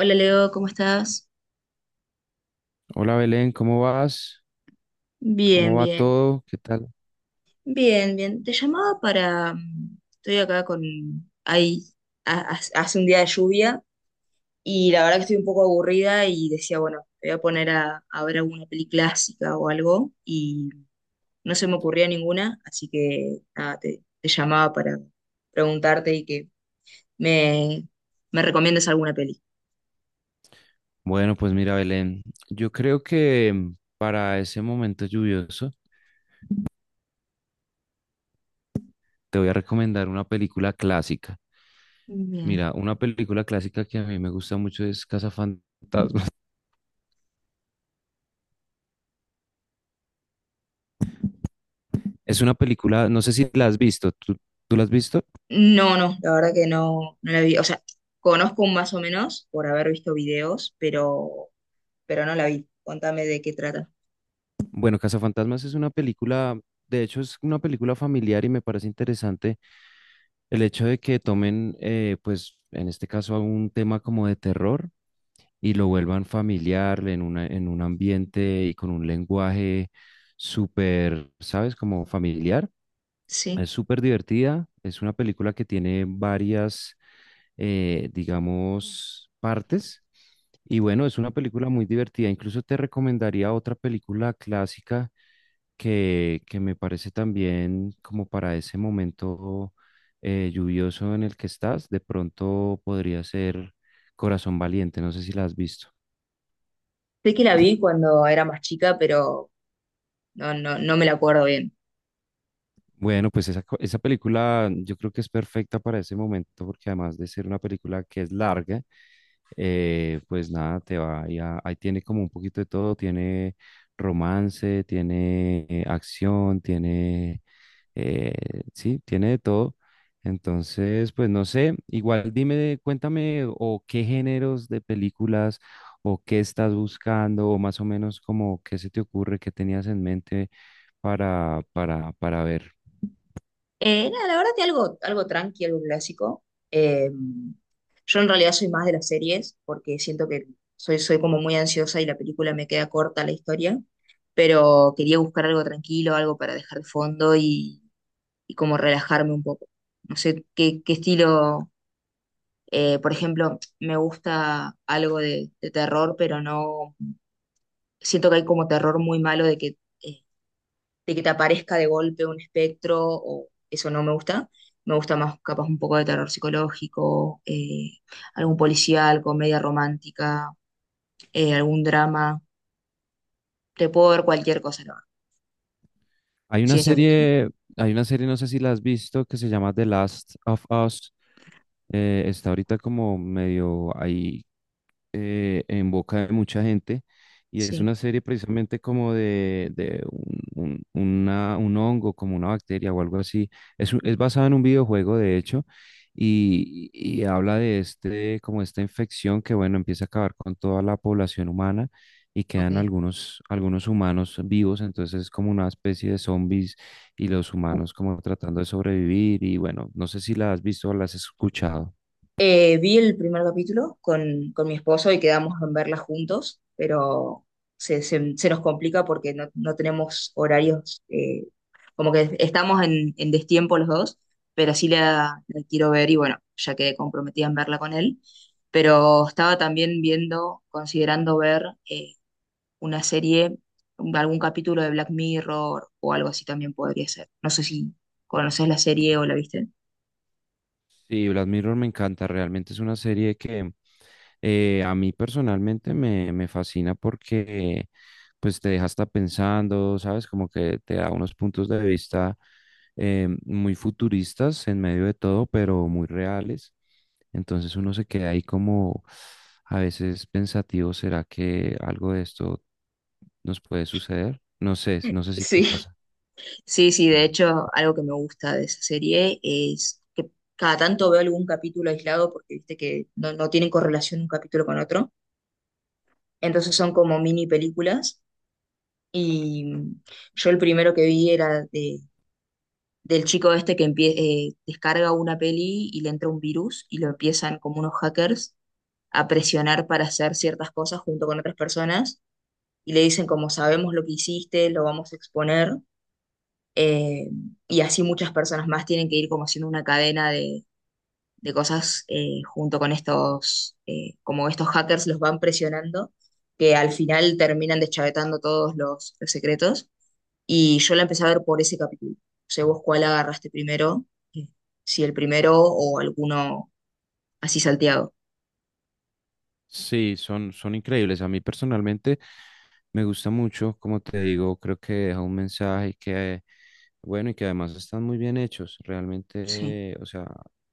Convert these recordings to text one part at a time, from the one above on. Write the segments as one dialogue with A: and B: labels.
A: Hola Leo, ¿cómo estás?
B: Hola Belén, ¿cómo vas?
A: Bien,
B: ¿Cómo va
A: bien,
B: todo? ¿Qué tal?
A: bien, bien. Te llamaba para... Estoy acá con... Ahí, hace un día de lluvia y la verdad que estoy un poco aburrida y decía, bueno, me voy a poner a ver alguna peli clásica o algo y no se me ocurría ninguna, así que nada, te llamaba para preguntarte y que me, me recomiendes alguna peli.
B: Bueno, pues mira Belén, yo creo que para ese momento lluvioso te voy a recomendar una película clásica.
A: Bien.
B: Mira, una película clásica que a mí me gusta mucho es Cazafantasmas. Es una película, no sé si la has visto, ¿tú la has visto?
A: No, no, la verdad que no, no la vi. O sea, conozco más o menos por haber visto videos, pero no la vi. Contame de qué trata.
B: Bueno, Cazafantasmas es una película, de hecho es una película familiar y me parece interesante el hecho de que tomen, pues en este caso, algún tema como de terror y lo vuelvan familiar en una, en un ambiente y con un lenguaje súper, ¿sabes? Como familiar.
A: Sí,
B: Es súper divertida. Es una película que tiene varias, digamos, partes. Y bueno, es una película muy divertida. Incluso te recomendaría otra película clásica que me parece también como para ese momento lluvioso en el que estás. De pronto podría ser Corazón Valiente. No sé si la has visto.
A: sé que la vi cuando era más chica, pero no, no, no me la acuerdo bien.
B: Bueno, pues esa, esa película yo creo que es perfecta para ese momento porque además de ser una película que es larga, pues nada, te va, ahí ahí tiene como un poquito de todo, tiene romance, tiene acción, tiene, eh, sí, tiene de todo. Entonces, pues no sé, igual dime, cuéntame o qué géneros de películas o qué estás buscando o más o menos como qué se te ocurre, qué tenías en mente para ver.
A: Nada, la verdad que algo, algo tranqui, algo clásico. Eh, yo en realidad soy más de las series, porque siento que soy como muy ansiosa y la película me queda corta la historia, pero quería buscar algo tranquilo, algo para dejar de fondo y como relajarme un poco. No sé qué estilo, por ejemplo, me gusta algo de terror, pero no siento que hay como terror muy malo de que, de que te aparezca de golpe un espectro, o eso no me gusta. Me gusta más capaz un poco de terror psicológico, algún policial, comedia romántica, algún drama. Te puedo ver cualquier cosa, la verdad.
B: Hay una
A: Ciencia ficción.
B: serie, hay una serie, no sé si la has visto, que se llama The Last of Us. Está ahorita como medio ahí en boca de mucha gente y es
A: Sí,
B: una serie precisamente como de un, un hongo, como una bacteria o algo así. Es, es basada en un videojuego, de hecho, y habla de este, como esta infección que, bueno, empieza a acabar con toda la población humana y quedan
A: ok.
B: algunos, algunos humanos vivos, entonces es como una especie de zombies y los humanos como tratando de sobrevivir y bueno, no sé si la has visto o la has escuchado.
A: Vi el primer capítulo con mi esposo y quedamos en verla juntos, pero se nos complica porque no, no tenemos horarios, como que estamos en destiempo los dos, pero sí la quiero ver y bueno, ya quedé comprometida en verla con él. Pero estaba también viendo, considerando ver eh, una serie, algún capítulo de Black Mirror o algo así también podría ser. No sé si conoces la serie o la viste.
B: Sí, Black Mirror me encanta, realmente es una serie que a mí personalmente me, me fascina porque pues te deja hasta pensando, ¿sabes? Como que te da unos puntos de vista muy futuristas en medio de todo, pero muy reales. Entonces uno se queda ahí como a veces pensativo, ¿será que algo de esto nos puede suceder? No sé, no sé si te
A: Sí.
B: pasa.
A: Sí, sí, de hecho, algo que me gusta de esa serie es que cada tanto veo algún capítulo aislado porque viste que no, no tienen correlación un capítulo con otro. Entonces son como mini películas. Y yo el primero que vi era del chico este que descarga una peli y le entra un virus y lo empiezan como unos hackers a presionar para hacer ciertas cosas junto con otras personas. Y le dicen como sabemos lo que hiciste, lo vamos a exponer. Eh, y así muchas personas más tienen que ir como haciendo una cadena de cosas, junto con estos, como estos hackers los van presionando, que al final terminan deschavetando todos los secretos. Y yo la empecé a ver por ese capítulo. O sea, vos cuál agarraste primero, eh, si el primero o alguno así salteado.
B: Sí, son, son increíbles. A mí personalmente me gusta mucho, como te digo, creo que deja un mensaje que, bueno, y que además están muy bien hechos,
A: Sí.
B: realmente, o sea,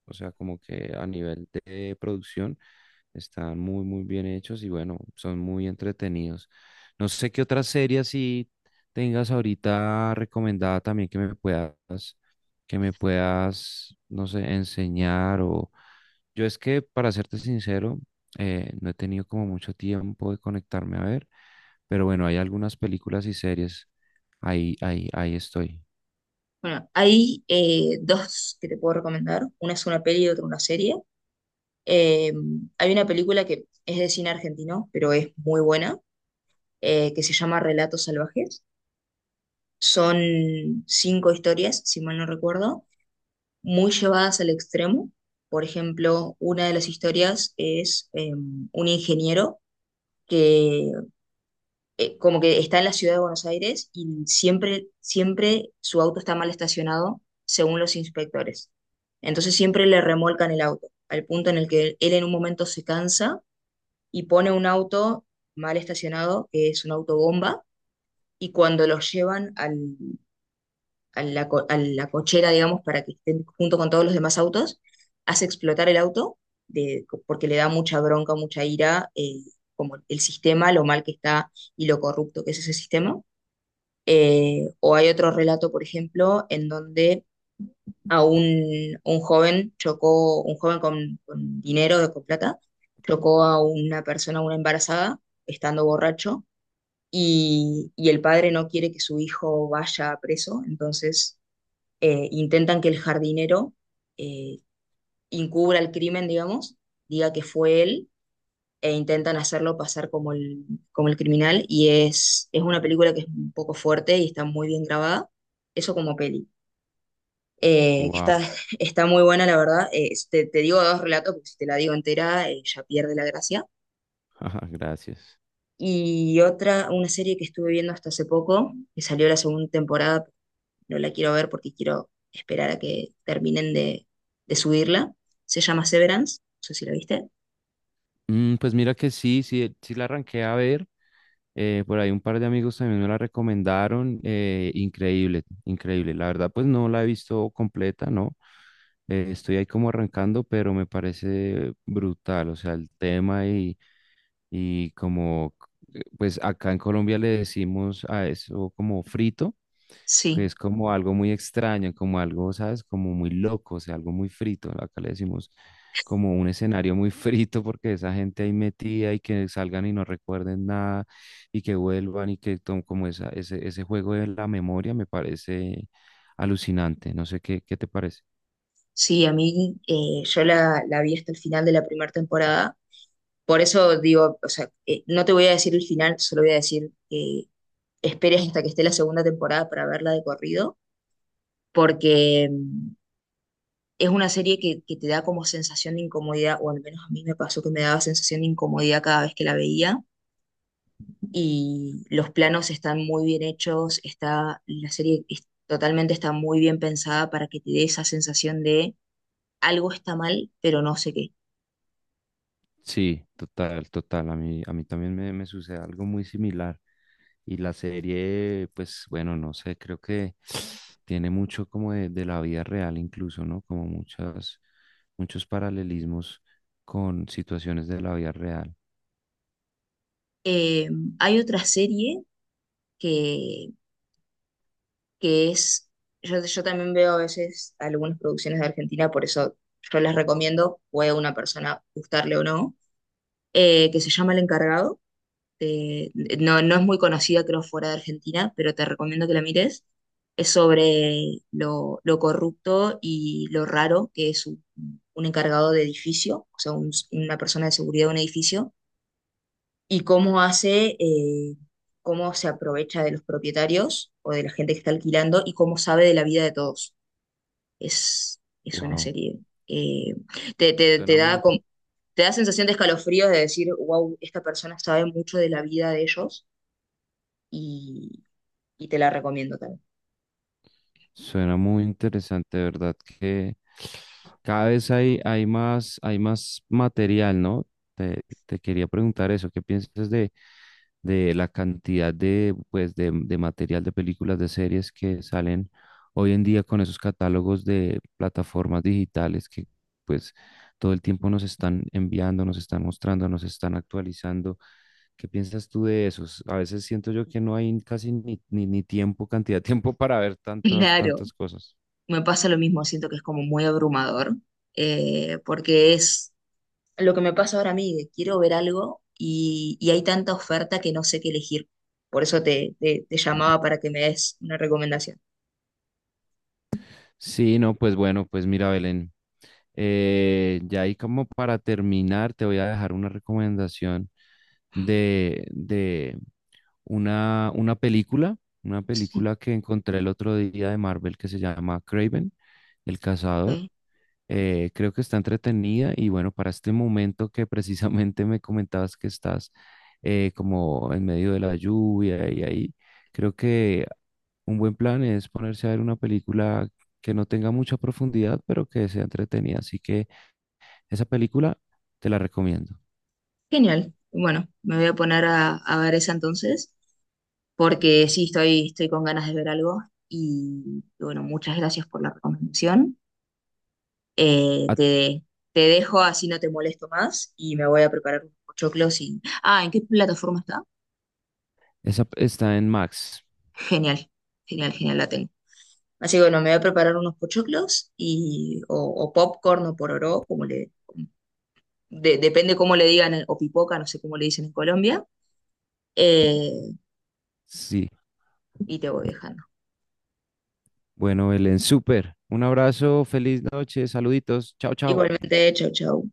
B: como que a nivel de producción. Están muy, muy bien hechos y bueno, son muy entretenidos. No sé qué otra serie así tengas ahorita recomendada también que me puedas, no sé, enseñar o... Yo es que, para serte sincero, no he tenido como mucho tiempo de conectarme a ver, pero bueno, hay algunas películas y series. Ahí estoy.
A: Bueno, hay dos que te puedo recomendar. Una es una peli y otra una serie. Eh, Hay una película que es de cine argentino, pero es muy buena que se llama Relatos Salvajes. Son cinco historias, si mal no recuerdo, muy llevadas al extremo. Por ejemplo, una de las historias es un ingeniero que como que está en la ciudad de Buenos Aires y siempre, siempre su auto está mal estacionado según los inspectores. Entonces siempre le remolcan el auto, al punto en el que él en un momento se cansa y pone un auto mal estacionado, que es un autobomba, y cuando los llevan a a la cochera, digamos, para que estén junto con todos los demás autos, hace explotar el auto porque le da mucha bronca, mucha ira, como el sistema, lo mal que está y lo corrupto que es ese sistema. O hay otro relato, por ejemplo, en donde a un joven chocó, un joven con dinero, con plata, chocó a una persona, una embarazada, estando borracho, y el padre no quiere que su hijo vaya preso, entonces intentan que el jardinero eh, encubra el crimen, digamos, diga que fue él, e intentan hacerlo pasar como como el criminal, es una película que es un poco fuerte y está muy bien grabada, eso como peli. Eh, está,
B: Wow,
A: está muy buena, la verdad. Te digo dos relatos, porque si te la digo entera, ya pierde la gracia.
B: gracias.
A: Y otra, una serie que estuve viendo hasta hace poco, que salió la segunda temporada, no la quiero ver porque quiero esperar a que terminen de subirla. Se llama Severance, no sé si la viste.
B: Mm, pues mira que sí la arranqué a ver. Por ahí un par de amigos también me la recomendaron. Increíble, increíble. La verdad, pues no la he visto completa, ¿no? Estoy ahí como arrancando, pero me parece brutal. O sea, el tema y, y como, pues acá en Colombia le decimos a eso como frito, que
A: Sí,
B: es como algo muy extraño, como algo, ¿sabes? Como muy loco, o sea, algo muy frito. ¿No? Acá le decimos como un escenario muy frito porque esa gente ahí metida y que salgan y no recuerden nada y que vuelvan y que tomen como esa, ese juego de la memoria me parece alucinante. No sé qué, qué te parece.
A: sí, a mí yo la vi hasta el final de la primera temporada. Por eso digo, o sea, no te voy a decir el final, solo voy a decir que esperes hasta que esté la segunda temporada para verla de corrido, porque es una serie que te da como sensación de incomodidad, o al menos a mí me pasó que me daba sensación de incomodidad cada vez que la veía y los planos están muy bien hechos, está, la totalmente está muy bien pensada para que te dé esa sensación de algo está mal, pero no sé qué.
B: Sí, total, total. A mí también me sucede algo muy similar. Y la serie, pues bueno, no sé, creo que tiene mucho como de la vida real incluso, ¿no? Como muchas, muchos paralelismos con situaciones de la vida real.
A: Eh, Hay otra serie que, que es, yo también veo a veces algunas producciones de Argentina, por eso yo las recomiendo, puede a una persona gustarle o no, que se llama El Encargado. eh, no, no es muy conocida, creo, fuera de Argentina, pero te recomiendo que la mires. Es sobre lo corrupto y lo raro que es un encargado de edificio, o sea, una persona de seguridad de un edificio, y cómo hace, cómo se aprovecha de los propietarios o de la gente que está alquilando y cómo sabe de la vida de todos. Es una
B: Wow.
A: serie. eh, te
B: Suena
A: da
B: muy,
A: como- te da sensación de escalofríos de decir, wow, esta persona sabe mucho de la vida de ellos y, y te la recomiendo también.
B: suena muy interesante, de ¿verdad? Que cada vez hay, hay más material, ¿no? Te quería preguntar eso, ¿qué piensas de la cantidad de, pues, de material de películas, de series que salen hoy en día con esos catálogos de plataformas digitales que pues todo el tiempo nos están enviando, nos están mostrando, nos están actualizando. ¿Qué piensas tú de esos? A veces siento yo que no hay casi ni, ni tiempo, cantidad de tiempo para ver tantas,
A: Claro,
B: tantas cosas.
A: me pasa lo mismo, siento que es como muy abrumador, porque es lo que me pasa ahora a mí, de quiero ver algo y hay tanta oferta que no sé qué elegir. Por eso te llamaba para que me des una recomendación.
B: Sí, no, pues bueno, pues mira, Belén, ya ahí como para terminar, te voy a dejar una recomendación de, de, una, una película, una
A: Sí,
B: película que encontré el otro día de Marvel que se llama Kraven el cazador.
A: ok.
B: Creo que está entretenida y bueno, para este momento que precisamente me comentabas que estás como en medio de la lluvia y ahí, creo que un buen plan es ponerse a ver una película que no tenga mucha profundidad, pero que sea entretenida. Así que esa película te la recomiendo.
A: Genial. Bueno, me voy a poner a ver esa entonces, porque sí, estoy, estoy con ganas de ver algo y bueno, muchas gracias por la recomendación. Eh,
B: Ah,
A: te, te dejo así no te molesto más y me voy a preparar unos pochoclos y... Ah, ¿en qué plataforma está?
B: esa está en Max.
A: Genial, genial, genial, la tengo. Así que bueno, me voy a preparar unos pochoclos o popcorn o pororó, como le... depende cómo le digan, o pipoca, no sé cómo le dicen en Colombia. eh,
B: Sí,
A: y te voy dejando.
B: bueno, Belén, súper. Un abrazo, feliz noche, saluditos. Chao, chao.
A: Igualmente, chau, chau.